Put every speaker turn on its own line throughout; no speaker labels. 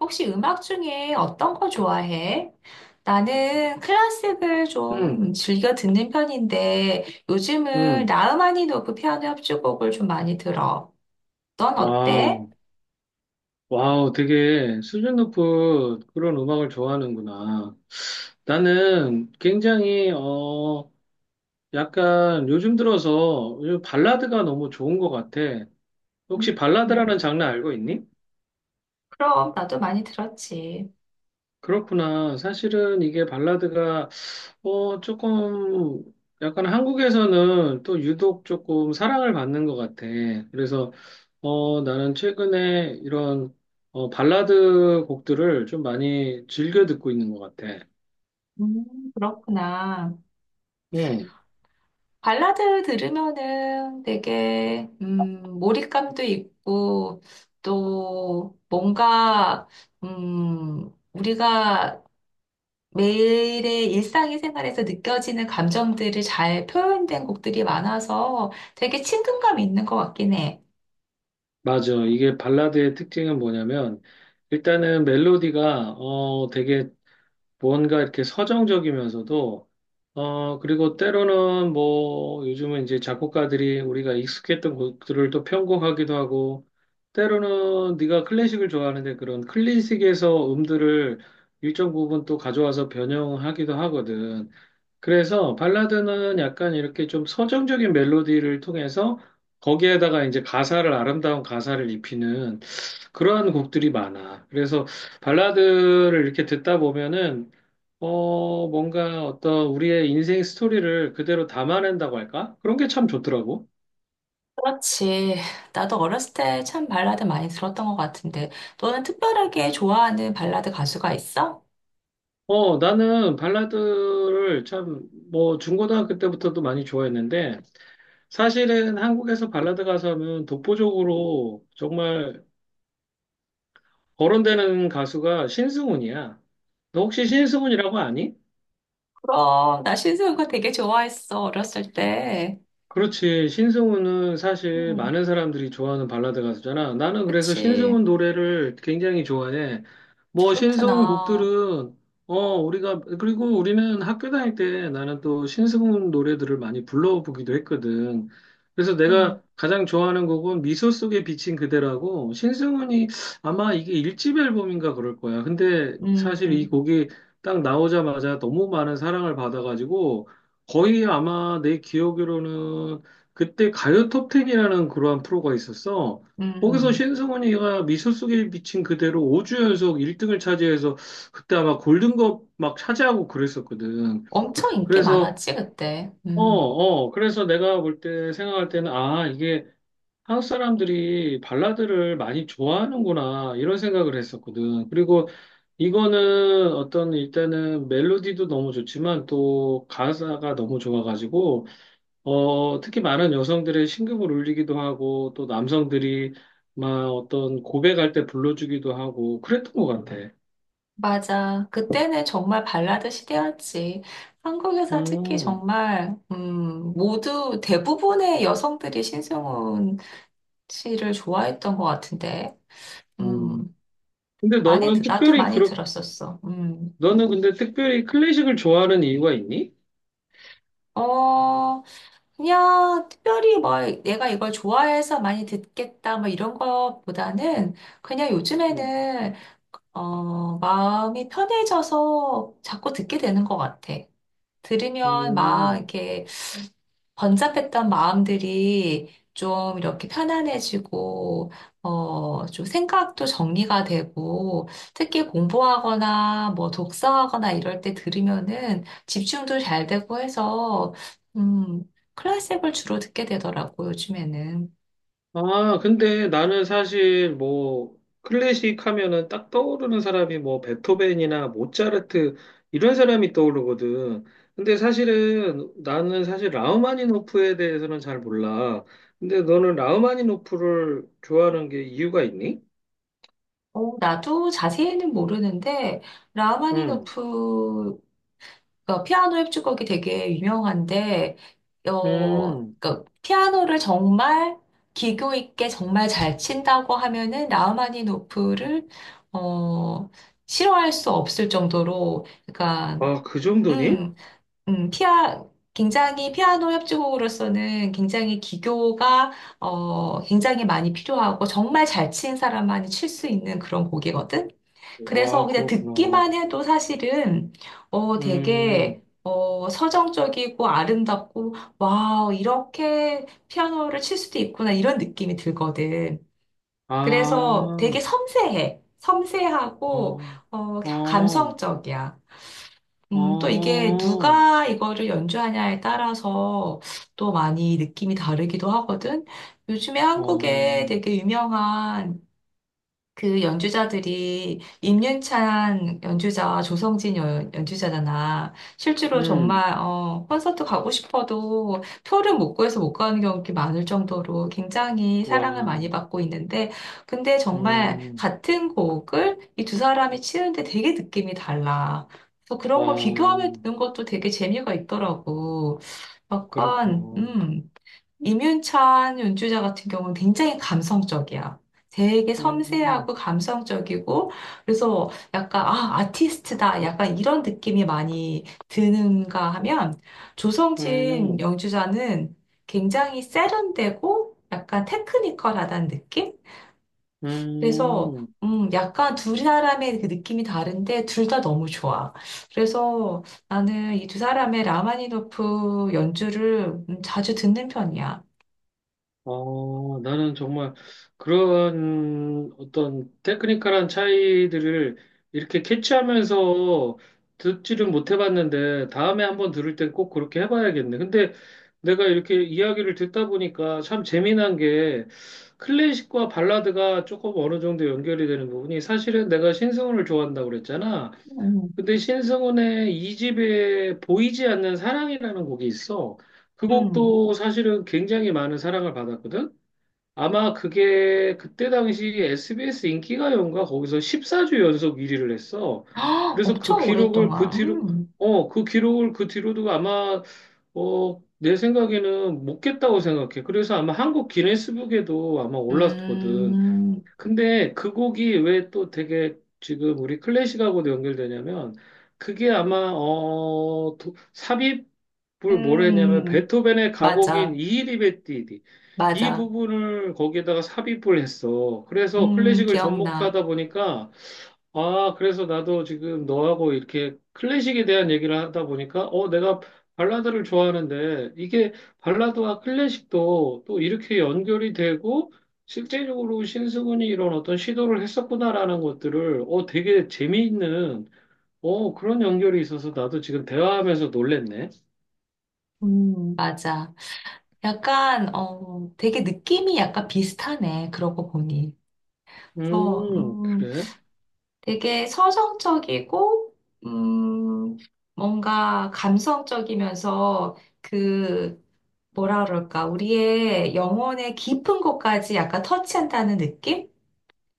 혹시 음악 중에 어떤 거 좋아해? 나는 클래식을
응,
좀 즐겨 듣는 편인데 요즘은
응,
라흐마니노프 피아노 협주곡을 좀 많이 들어. 넌 어때?
와우, 와우, 되게 수준 높은 그런 음악을 좋아하는구나. 나는 굉장히, 약간 요즘 들어서 요즘 발라드가 너무 좋은 것 같아.
음,
혹시 발라드라는 장르 알고 있니?
그럼 나도 많이 들었지.
그렇구나. 사실은 이게 발라드가 조금 약간 한국에서는 또 유독 조금 사랑을 받는 것 같아. 그래서 나는 최근에 이런 발라드 곡들을 좀 많이 즐겨 듣고 있는 것 같아.
그렇구나.
응,
발라드 들으면은 되게 몰입감도 있고 또 뭔가 우리가 매일의 일상의 생활에서 느껴지는 감정들을 잘 표현된 곡들이 많아서 되게 친근감 있는 것 같긴 해.
맞아. 이게 발라드의 특징은 뭐냐면 일단은 멜로디가 되게 뭔가 이렇게 서정적이면서도, 그리고 때로는 뭐, 요즘은 이제 작곡가들이 우리가 익숙했던 곡들을 또 편곡하기도 하고, 때로는 네가 클래식을 좋아하는데 그런 클래식에서 음들을 일정 부분 또 가져와서 변형하기도 하거든. 그래서 발라드는 약간 이렇게 좀 서정적인 멜로디를 통해서 거기에다가 이제 가사를, 아름다운 가사를 입히는 그러한 곡들이 많아. 그래서 발라드를 이렇게 듣다 보면은 뭔가 어떤 우리의 인생 스토리를 그대로 담아낸다고 할까? 그런 게 참 좋더라고.
그렇지. 나도 어렸을 때 참 발라드 많이 들었던 것 같은데, 너는 특별하게 좋아하는 발라드 가수가 있어?
나는 발라드를 참, 뭐, 중고등학교 때부터도 많이 좋아했는데, 사실은 한국에서 발라드 가수하면 독보적으로 정말 거론되는 가수가 신승훈이야. 너 혹시 신승훈이라고 아니?
그럼, 나 신승우가 되게 좋아했어, 어렸을 때.
그렇지. 신승훈은 사실
음,
많은 사람들이 좋아하는 발라드 가수잖아. 나는 그래서
그치.
신승훈 노래를 굉장히 좋아해. 뭐 신승훈
그렇구나.
곡들은 우리가 그리고 우리는 학교 다닐 때 나는 또 신승훈 노래들을 많이 불러보기도 했거든. 그래서 내가
음,
가장 좋아하는 곡은 미소 속에 비친 그대라고 신승훈이 아마 이게 일집 앨범인가 그럴 거야. 근데 사실 이
음,
곡이 딱 나오자마자 너무 많은 사랑을 받아가지고 거의 아마 내 기억으로는 그때 가요 톱텐이라는 그러한 프로가 있었어. 거기서
음.
신승훈이가 미소 속에 비친 그대로 5주 연속 1등을 차지해서 그때 아마 골든컵 막 차지하고 그랬었거든.
엄청 인기
그래서
많았지, 그때.
어,
음.
어, 그래서 내가 볼 때 생각할 때는 아, 이게 한국 사람들이 발라드를 많이 좋아하는구나 이런 생각을 했었거든. 그리고 이거는 어떤 일단은 멜로디도 너무 좋지만 또 가사가 너무 좋아가지고 특히 많은 여성들의 신경을 울리기도 하고, 또 남성들이 막 어떤 고백할 때 불러주기도 하고, 그랬던 것 같아.
맞아. 그때는 정말 발라드 시대였지. 한국에서 특히
음,
정말, 모두 대부분의 여성들이 신승훈 씨를 좋아했던 것 같은데,
음.
음,
근데
많이,
너는
나도
특별히,
많이
그렇,
들었었어. 음.
너는 근데 특별히 클래식을 좋아하는 이유가 있니?
어, 그냥 특별히 뭐 내가 이걸 좋아해서 많이 듣겠다 뭐 이런 것보다는 그냥
음.
요즘에는, 마음이 편해져서 자꾸 듣게 되는 것 같아. 들으면 막
음.
이렇게 번잡했던 마음들이 좀 이렇게 편안해지고, 좀 생각도 정리가 되고, 특히 공부하거나 뭐 독서하거나 이럴 때 들으면은 집중도 잘 되고 해서, 음, 클래식을 주로 듣게 되더라고, 요즘에는.
아, 근데 나는 사실 뭐 클래식 하면은 딱 떠오르는 사람이 뭐 베토벤이나 모차르트 이런 사람이 떠오르거든. 근데 사실은 나는 사실 라흐마니노프에 대해서는 잘 몰라. 근데 너는 라흐마니노프를 좋아하는 게 이유가 있니?
나도 자세히는 모르는데,
응,
라마니노프 그 피아노 협주곡이 되게 유명한데,
음.
그 피아노를 정말 기교 있게 정말 잘 친다고 하면은 라흐마니노프를 어, 싫어할 수 없을 정도로, 그러니까
아, 그 정도니?
음, 피아 굉장히 피아노 협주곡으로서는 굉장히 기교가 굉장히 많이 필요하고 정말 잘 친 사람만이 칠 수 있는 그런 곡이거든. 그래서
와,
그냥
그렇구나.
듣기만 해도 사실은
음,
되게 서정적이고 아름답고 와 이렇게 피아노를 칠 수도 있구나 이런 느낌이 들거든.
아,
그래서 되게 섬세해. 섬세하고
어, 어,
감성적이야. 또 이게
어,
누가 이거를 연주하냐에 따라서 또 많이 느낌이 다르기도 하거든. 요즘에 한국에
어.
되게 유명한 그 연주자들이 임윤찬 연주자와 조성진 연주자잖아. 실제로
음.
정말 콘서트 가고 싶어도 표를 못 구해서 못 가는 경우가 많을 정도로 굉장히
와,
사랑을 많이 받고 있는데, 근데 정말
음,
같은 곡을 이 두 사람이 치는데 되게 느낌이 달라. 그래서
와,
그런 거 비교하면 듣는 것도 되게 재미가 있더라고. 약간,
그렇구나.
임윤찬 연주자 같은 경우는 굉장히 감성적이야. 되게 섬세하고
음,
감성적이고, 그래서 약간, 아, 아티스트다. 약간 이런 느낌이 많이 드는가 하면, 조성진
음,
연주자는 굉장히 세련되고, 약간 테크니컬하다는 느낌? 그래서,
음,
약간 두 사람의 그 느낌이 다른데, 둘 다 너무 좋아. 그래서 나는 이 두 사람의 라마니노프 연주를 자주 듣는 편이야.
아, 나는 정말 그런 어떤 테크니컬한 차이들을 이렇게 캐치하면서 듣지를 못 해봤는데 다음에 한번 들을 땐 꼭 그렇게 해봐야겠네. 근데 내가 이렇게 이야기를 듣다 보니까 참 재미난 게 클래식과 발라드가 조금 어느 정도 연결이 되는 부분이 사실은 내가 신승훈을 좋아한다고 그랬잖아.
음.
근데 신승훈의 이 집에 보이지 않는 사랑이라는 곡이 있어. 그
음.
곡도 사실은 굉장히 많은 사랑을 받았거든. 아마 그게 그때 당시 SBS 인기가요인가 거기서 14주 연속 1위를 했어.
아,
그래서 그
엄청
기록을 그
오랫동안.
뒤로
음.
어, 그 기록을 그 뒤로도 아마 내 생각에는 못 깼다고 생각해. 그래서 아마 한국 기네스북에도 아마 올랐거든.
음,
근데 그 곡이 왜 또 되게 지금 우리 클래식하고도 연결되냐면 그게 아마 삽입을 뭘 했냐면
음,
베토벤의 가곡인
맞아,
이히리베띠디 이
맞아.
부분을 거기에다가 삽입을 했어. 그래서 클래식을
기억나.
접목하다 보니까 아, 그래서 나도 지금 너하고 이렇게 클래식에 대한 얘기를 하다 보니까, 내가 발라드를 좋아하는데, 이게 발라드와 클래식도 또 이렇게 연결이 되고, 실제적으로 신승훈이 이런 어떤 시도를 했었구나라는 것들을, 되게 재미있는, 그런 연결이 있어서 나도 지금 대화하면서 놀랬네.
맞아. 약간, 되게 느낌이 약간 비슷하네. 그러고 보니. 그래서,
그래?
되게 서정적이고, 음, 뭔가 감성적이면서 그, 뭐라 그럴까, 우리의 영혼의 깊은 곳까지 약간 터치한다는 느낌?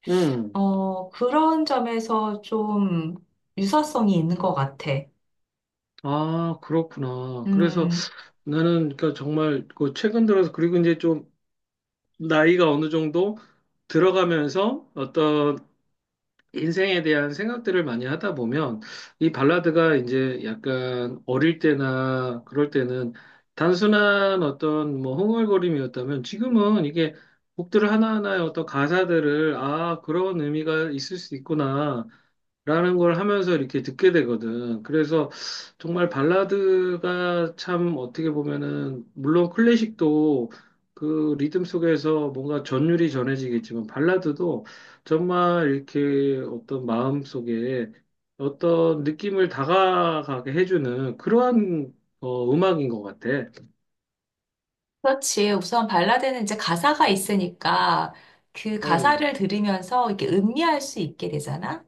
음.
그런 점에서 좀 유사성이 있는 것 같아.
아, 그렇구나. 그래서
음,
나는 그러니까 정말 그 최근 들어서 그리고 이제 좀 나이가 어느 정도 들어가면서 어떤 인생에 대한 생각들을 많이 하다 보면 이 발라드가 이제 약간 어릴 때나 그럴 때는 단순한 어떤 뭐 흥얼거림이었다면 지금은 이게 곡들 하나하나의 어떤 가사들을 아, 그런 의미가 있을 수 있구나. 라는 걸 하면서 이렇게 듣게 되거든. 그래서 정말 발라드가 참 어떻게 보면은, 물론 클래식도 그 리듬 속에서 뭔가 전율이 전해지겠지만, 발라드도 정말 이렇게 어떤 마음 속에 어떤 느낌을 다가가게 해주는 그러한 음악인 것 같아.
그렇지. 우선 발라드는 이제 가사가 있으니까 그
음,
가사를 들으면서 이렇게 음미할 수 있게 되잖아.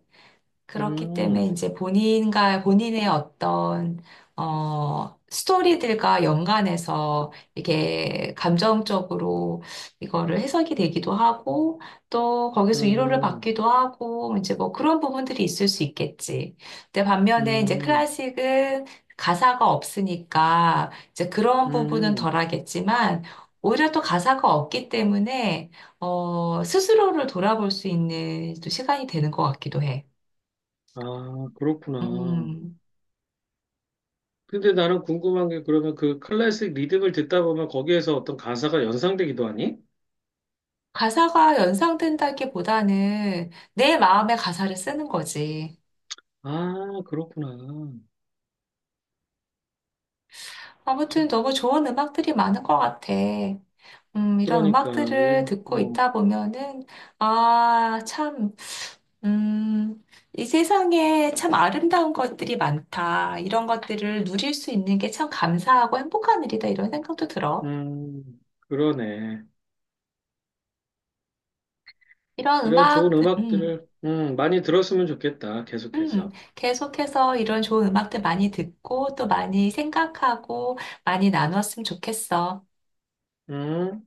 그렇기 때문에
음,
이제 본인과 본인의 어떤 스토리들과 연관해서 이게 감정적으로 이거를 해석이 되기도 하고 또 거기서 위로를
음,
받기도 하고 이제 뭐 그런 부분들이 있을 수 있겠지. 근데 반면에 이제
음,
클래식은 가사가 없으니까 이제 그런 부분은
음.
덜하겠지만 오히려 또 가사가 없기 때문에 스스로를 돌아볼 수 있는 또 시간이 되는 것 같기도 해.
아, 그렇구나.
음,
근데 나는 궁금한 게 그러면 그 클래식 리듬을 듣다 보면 거기에서 어떤 가사가 연상되기도 하니?
가사가 연상된다기보다는 내 마음의 가사를 쓰는 거지.
아, 그렇구나. 저-
아무튼 너무 좋은 음악들이 많은 것 같아. 이런
그러니까,
음악들을 듣고 있다 보면은, 아, 참, 음, 이 세상에 참 아름다운 것들이 많다. 이런 것들을 누릴 수 있는 게 참 감사하고 행복한 일이다. 이런 생각도 들어.
음, 그러네.
이런
이런 좋은
음악,
음악들을, 많이 들었으면 좋겠다. 계속해서.
계속해서 이런 좋은 음악들 많이 듣고 또 많이 생각하고 많이 나누었으면 좋겠어.
음.